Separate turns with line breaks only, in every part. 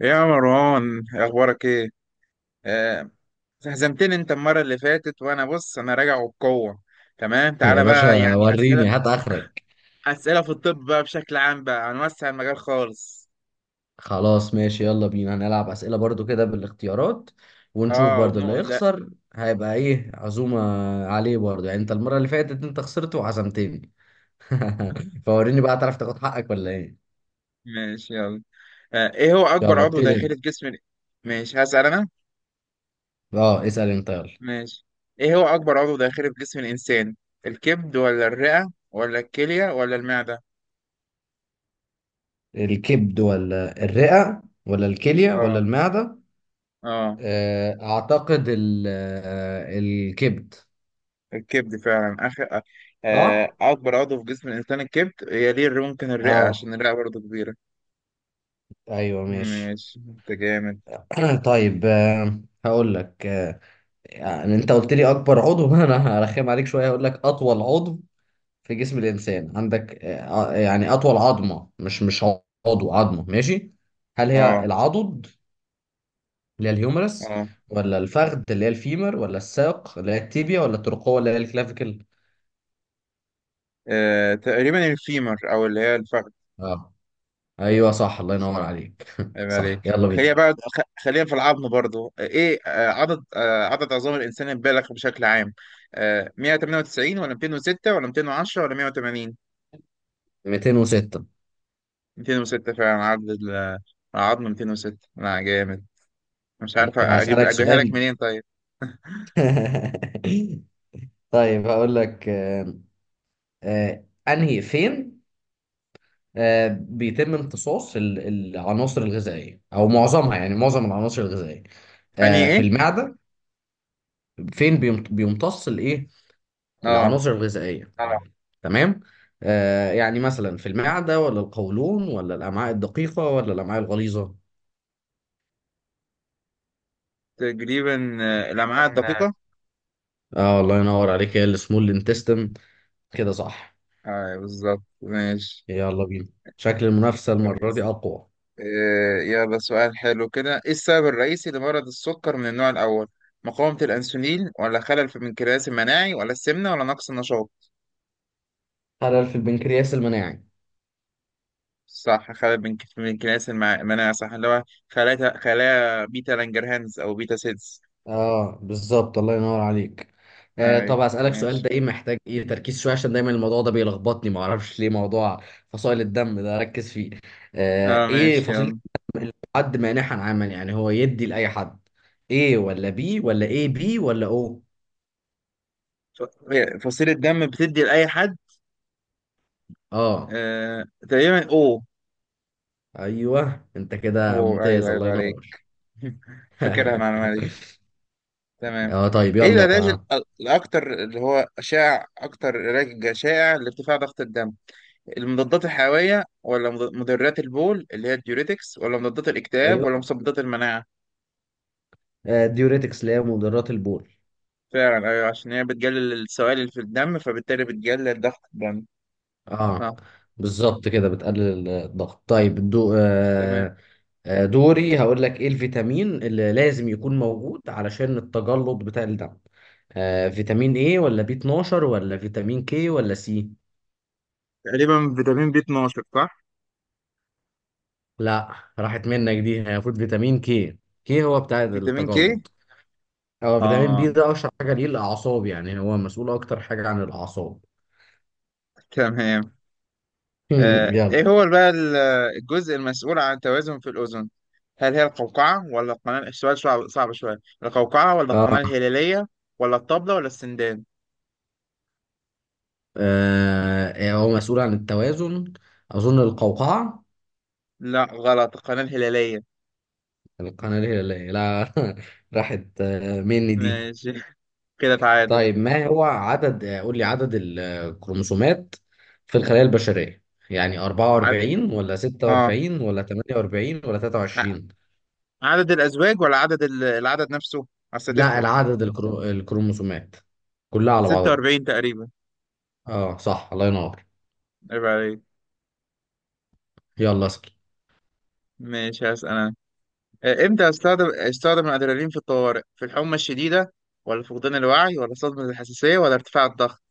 يا مروان، اخبارك ايه؟ آه، هزمتني انت المره اللي فاتت، وانا بص انا راجع وبقوه. تمام،
يا
تعالى بقى
باشا
يعني اسئله
وريني هات اخرك.
اسئله في الطب بقى بشكل عام، بقى هنوسع المجال خالص.
خلاص ماشي، يلا بينا هنلعب اسئله برضو كده بالاختيارات، ونشوف
اه
برضو اللي
وبنقول لا.
يخسر هيبقى ايه عزومه عليه. برضو يعني انت المره اللي فاتت انت خسرت وعزمتني. فوريني بقى تعرف تاخد حقك ولا ايه.
ماشي يلا. ايه هو اكبر
يلا
عضو
ابتدي
داخلي
انت.
في جسم ماشي، هسال انا.
اه اسال انت يلا.
ماشي. ايه هو اكبر عضو داخلي في جسم الانسان؟ الكبد ولا الرئه ولا الكليه ولا المعده؟
الكبد ولا الرئه ولا الكليه ولا
اه.
المعده.
اه.
اعتقد الكبد.
الكبد فعلا اخر.
صح.
اكبر عضو في جسم الانسان الكبد، يليه ممكن الرئه
اه.
عشان الرئه برضه كبيره.
ايوه ماشي.
ماشي انت جامد.
طيب، هقول لك يعني انت قلت لي اكبر عضو. انا هرخم عليك شويه، هقول لك اطول عضو في جسم الانسان. عندك يعني اطول عظمه، مش عضو، عظمه، ماشي. هل هي
اه.
العضد اللي هي الهيومرس،
اه.
ولا الفخذ اللي هي الفيمر، ولا الساق اللي هي التيبيا، ولا الترقوه اللي هي الكلافيكل؟
تقريبا الفيمر، او اللي هي الفخذ.
اه ايوه صح، الله
بس
ينور
يعني
عليك.
عيب
صح
عليك،
يلا
خلينا
بينا.
بقى خلينا في العظم برضه. ايه عدد عدد عظام الانسان البالغ بشكل عام؟ 198 ولا 206 ولا 210 ولا 180؟
206.
206 فعلا عدد العظم 206. لا جامد، مش عارف اجيب
هسألك
اجيبها لك
سؤال.
منين. طيب
طيب هقول لك انهي فين بيتم امتصاص العناصر الغذائيه او معظمها، يعني معظم العناصر الغذائيه
انهي
في
ايه؟
المعده. فين بيمتص الايه،
اه،
العناصر الغذائيه؟ اه تمام. يعني مثلا في المعده ولا القولون ولا الامعاء الدقيقه ولا الامعاء الغليظه؟
تقريبا الأمعاء
تقريبا.
الدقيقة.
اه الله ينور عليك، هي السمول انتستم كده صح.
اه بالظبط، ماشي.
يلا بينا، شكل المنافسه المره دي
كويس.
اقوى.
آه يلا سؤال حلو كده. ايه السبب الرئيسي لمرض السكر من النوع الأول؟ مقاومة الأنسولين ولا خلل في المنكرياس المناعي ولا السمنة ولا نقص النشاط؟
خلل في البنكرياس المناعي.
صح، خلل في المنكرياس المناعي، صح، اللي هو خلايا خلايا بيتا لانجرهانز أو بيتا سيلز.
اه بالظبط الله ينور عليك. آه
اي
طب اسالك سؤال
ماشي.
ده، ايه محتاج ايه تركيز شويه، عشان دايما الموضوع ده بيلخبطني ما اعرفش ليه، موضوع فصائل الدم ده ركز فيه. آه
اه
ايه
ماشي
فصيله
يلا.
حد مانحا عاما، يعني هو يدي لاي حد؟ ايه ولا بي ولا ايه بي ولا او؟
فصيلة دم بتدي لأي حد.
اه
آه تقريبا او.
ايوه انت كده
او ايوه،
ممتاز، الله
ايوه عليك.
ينور.
فاكرها المعلومة دي. تمام.
اه طيب
ايه
يلا
العلاج
آه.
الاكتر اللي هو شائع، اكتر علاج شائع لارتفاع ضغط الدم؟ المضادات الحيوية ولا مضرات البول اللي هي الديوريتكس ولا مضادات الاكتئاب ولا
ايوه.
مضادات المناعة؟
آه ديوريتكس اللي هي مضرات البول.
فعلا ايوه، عشان هي بتقلل السوائل اللي في الدم، فبالتالي بتقلل ضغط الدم.
اه
صح.
بالظبط كده بتقلل الضغط. طيب الدو...
تمام.
دوري هقول لك ايه الفيتامين اللي لازم يكون موجود علشان التجلط بتاع الدم؟ فيتامين ايه، ولا بي 12، ولا فيتامين كي، ولا سي؟
تقريبا فيتامين بي 12 صح.
لا، راحت منك دي، هي المفروض فيتامين كي. كي هو بتاع
فيتامين كي.
التجلط. هو فيتامين
اه
بي ده اشهر حاجه ليه الاعصاب، يعني هو مسؤول اكتر حاجه عن الاعصاب.
تمام.
يلا.
ايه هو بقى الجزء المسؤول عن التوازن في الاذن؟ هل هي القوقعه ولا القناه، السؤال صعب شويه، القوقعه ولا القناه
اه
الهلاليه ولا الطبله ولا السندان؟
هو مسؤول عن التوازن، اظن القوقعه.
لا غلط، القناه الهلاليه.
القناه الهلاليه لا. راحت مني دي.
ماشي كده تعادل.
طيب ما هو عدد، قول لي عدد الكروموسومات في الخلايا البشرية، يعني
عد...
44 ولا
اه،
46 ولا 48 ولا
ع-
23؟
عدد الازواج ولا عدد العدد نفسه؟ اصل
لا،
تفرق.
العدد الكرو... الكروموسومات كلها على بعضها.
46 تقريبا.
اه صح الله ينور.
عيب عليك.
يلا اسكي.
ماشي هسأل انا. امتى استخدم الادرينالين في الطوارئ؟ في الحمى الشديده ولا فقدان الوعي ولا صدمه الحساسيه ولا ارتفاع الضغط؟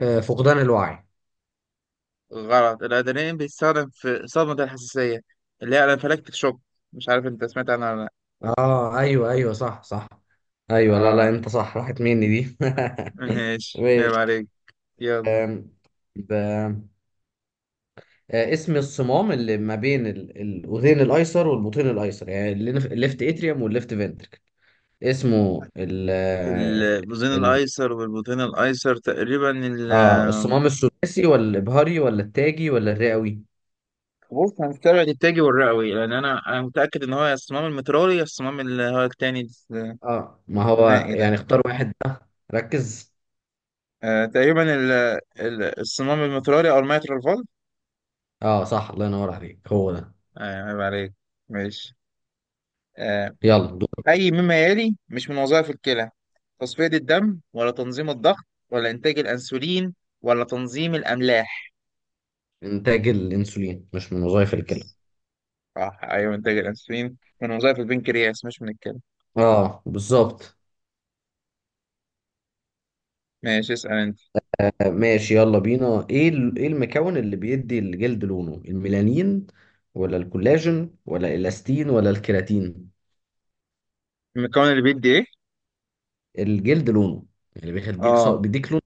آه فقدان الوعي.
غلط، الأدرينالين بيستخدم في صدمة الحساسية اللي هي الانفلاكتيك شوك. مش عارف انت سمعت عنها ولا لأ.
اه ايوه ايوه صح صح، ايوه لا لا
اه
انت صح، راحت مني دي.
ماشي عيب
ماشي.
عليك. يلا.
آم، ب... اسم الصمام اللي ما بين الأذين الأيسر والبطين الأيسر، يعني الليفت اتريوم والليفت فنتركل، اسمه ال
البطين
ال
الأيسر والبطين الأيسر تقريبا ال.
اه الصمام الثلاثي، ولا الإبهاري، ولا التاجي، ولا الرئوي؟
بص هنستبعد التاجي والرئوي، لأن أنا متأكد إن هو يا الصمام المترالي، يا الصمام اللي هو التاني
اه ما هو
الثنائي ده.
يعني اختار واحد بقى، ركز.
آه تقريبا الصمام المترالي أو الميترال فولف.
اه صح الله ينور عليك، هو ده.
آه عيب عليك. ماشي. آه،
يلا دور.
أي مما يلي مش من وظائف الكلى؟ تصفية الدم ولا تنظيم الضغط ولا إنتاج الأنسولين ولا تنظيم الأملاح؟
إنتاج الأنسولين مش من وظائف الكلى.
صح، أيوه إنتاج الأنسولين من وظائف البنكرياس، مش من الكلى.
اه بالظبط.
ماشي اسأل أنت.
ماشي يلا بينا، ايه ايه المكون اللي بيدي الجلد لونه؟ الميلانين ولا الكولاجين ولا الاستين ولا الكيراتين؟
المكون اللي بيدي إيه؟
الجلد لونه، يعني بيخليك ص...
آه
بيديك لون.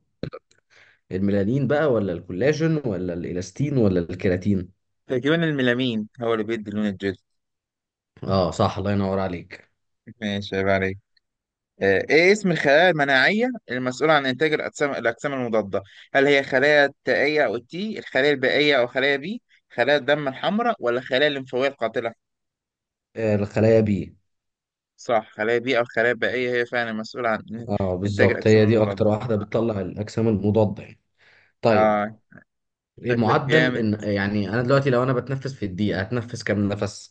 الميلانين بقى، ولا الكولاجين، ولا الالاستين، ولا الكيراتين؟
تقريبا الميلامين هو اللي بيدي لون الجلد.
اه صح الله ينور عليك.
ماشي عيب عليك. إيه اسم الخلايا المناعية المسؤولة عن إنتاج الأجسام المضادة؟ هل هي خلايا التائية أو التي، الخلايا البائية أو خلايا بي، خلايا الدم الحمراء ولا خلايا الليمفاوية القاتلة؟
آه الخلايا بي.
صح خلايا بيئة، والخلايا البائية هي فعلا مسؤولة عن
اه
إنتاج
بالظبط،
الأجسام
هي دي اكتر
المضادة.
واحدة بتطلع الاجسام المضادة يعني. طيب
آه.
إيه،
شكلك
معدل
جامد.
ان، يعني انا دلوقتي لو انا بتنفس في الدقيقه هتنفس كام نفس؟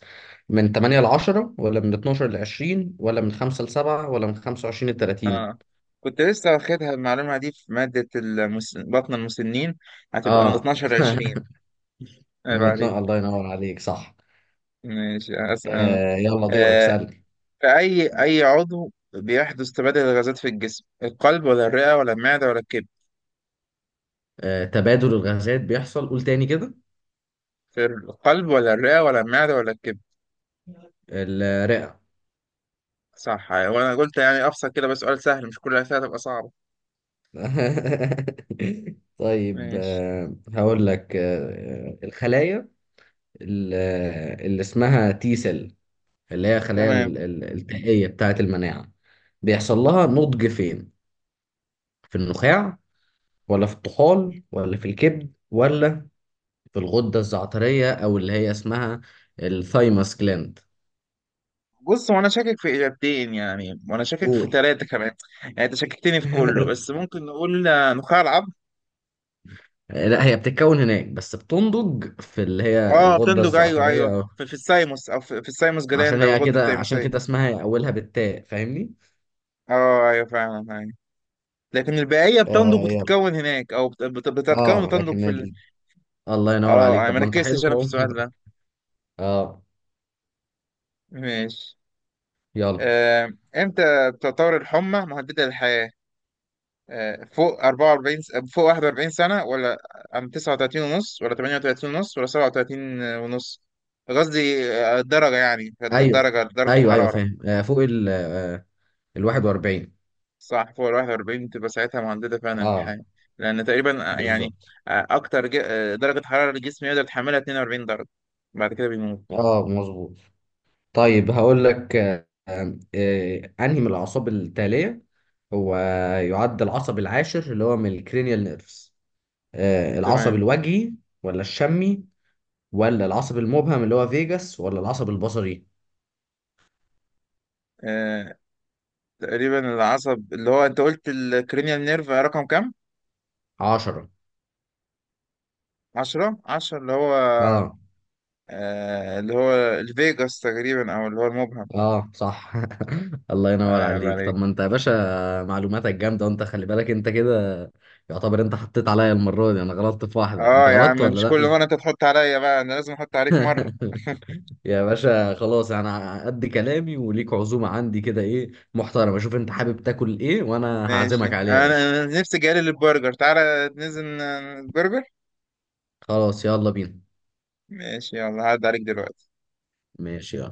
من 8 ل 10، ولا من 12 ل 20، ولا من 5 ل 7، ولا من 25 ل 30؟
آه كنت لسه واخدها المعلومة دي في مادة بطن المسنين. هتبقى من
اه.
12 ل 20. عيب
من
عليك.
12 الله ينور عليك صح.
ماشي أسأل.
آه يلا دورك
آه
سألني.
في أي عضو بيحدث تبادل الغازات في الجسم؟ القلب ولا الرئة ولا المعدة ولا الكبد؟
آه تبادل الغازات بيحصل، قول تاني كده.
في القلب ولا الرئة ولا المعدة ولا الكبد؟
الرئه.
صح، وأنا قلت يعني أبسط كده، بس سؤال سهل، مش كل الأسئلة هتبقى صعبة.
طيب
ماشي.
آه هقول لك آه، الخلايا اللي اللي اسمها تي سيل، اللي هي الخلايا
تمام.
التائية بتاعة المناعة، بيحصل لها نضج فين؟ في النخاع، ولا في الطحال، ولا في الكبد، ولا في الغدة الزعترية أو اللي هي اسمها الثايموس جلاند؟
بص وانا شاكك في اجابتين يعني، وانا شاكك في
قول.
ثلاثه كمان. يعني انت شككتني في كله، بس ممكن نقول نخاع العظم.
لا، هي بتتكون هناك بس بتنضج في اللي هي
اه
الغدة
بتندج ايوه ايوه
الزعترية أو،
في الثايموس، او في الثايموس
عشان
جلاند او
هي
الغده
كده، عشان
التيموسيه.
كده اسمها أولها بالتاء، فاهمني؟
اه ايوه فعلا ايوه، لكن البقيه بتنضج
آه يلا.
وتتكون هناك، او بتتكون
اه
وتنضج
لكن
في
ال... الله ينور
اه
عليك،
انا
طب
ما
ما انت حلو
ركزتش انا في
اهو.
السؤال ده.
اه
ماشي.
يلا.
امتى بتعتبر الحمى مهدده للحياه؟ فوق 44 فوق 41 سنة، ولا عن 39 ونص، ولا 38 ونص، ولا 37 ونص؟ قصدي الدرجة، يعني
ايوه
الدرجة درجة
ايوه ايوه
الحرارة.
فاهم، فوق ال ال 41.
صح فوق ال 41 تبقى ساعتها مهددة فعلا
اه
الحياة، لأن تقريبا يعني
بالظبط.
أكتر درجة حرارة الجسم يقدر يتحملها 42 درجة، بعد كده بيموت.
اه مظبوط. طيب هقول لك انهي من الاعصاب التاليه هو يعد العصب العاشر اللي هو من الكرينيال نيرفز؟ العصب
تمام.
الوجهي، ولا الشمي، ولا العصب المبهم اللي هو فيجاس، ولا العصب البصري؟
آه، تقريبا العصب اللي هو أنت قلت الكرينيال نيرف رقم كام؟
10.
10. 10 اللي هو
اه
اللي هو الفيجاس تقريبا، أو اللي هو المبهم.
اه صح. الله ينور
ايوه
عليك. طب
عليك.
ما انت يا باشا معلوماتك جامده، وانت خلي بالك انت كده يعتبر انت حطيت عليا المره دي، انا غلطت في واحده انت
اه يا عم
غلطت ولا
مش كل
لا؟
مرة انت تحط عليا، بقى انا لازم احط عليك مرة.
يا باشا خلاص انا قد كلامي، وليك عزومه عندي كده ايه محترمه. شوف انت حابب تاكل ايه وانا
ماشي،
هعزمك عليه يا باشا.
انا أنا نفسي جالي للبرجر. تعالى ننزل البرجر.
خلاص يلا بينا.
ماشي يلا، هعدي عليك دلوقتي.
ماشي.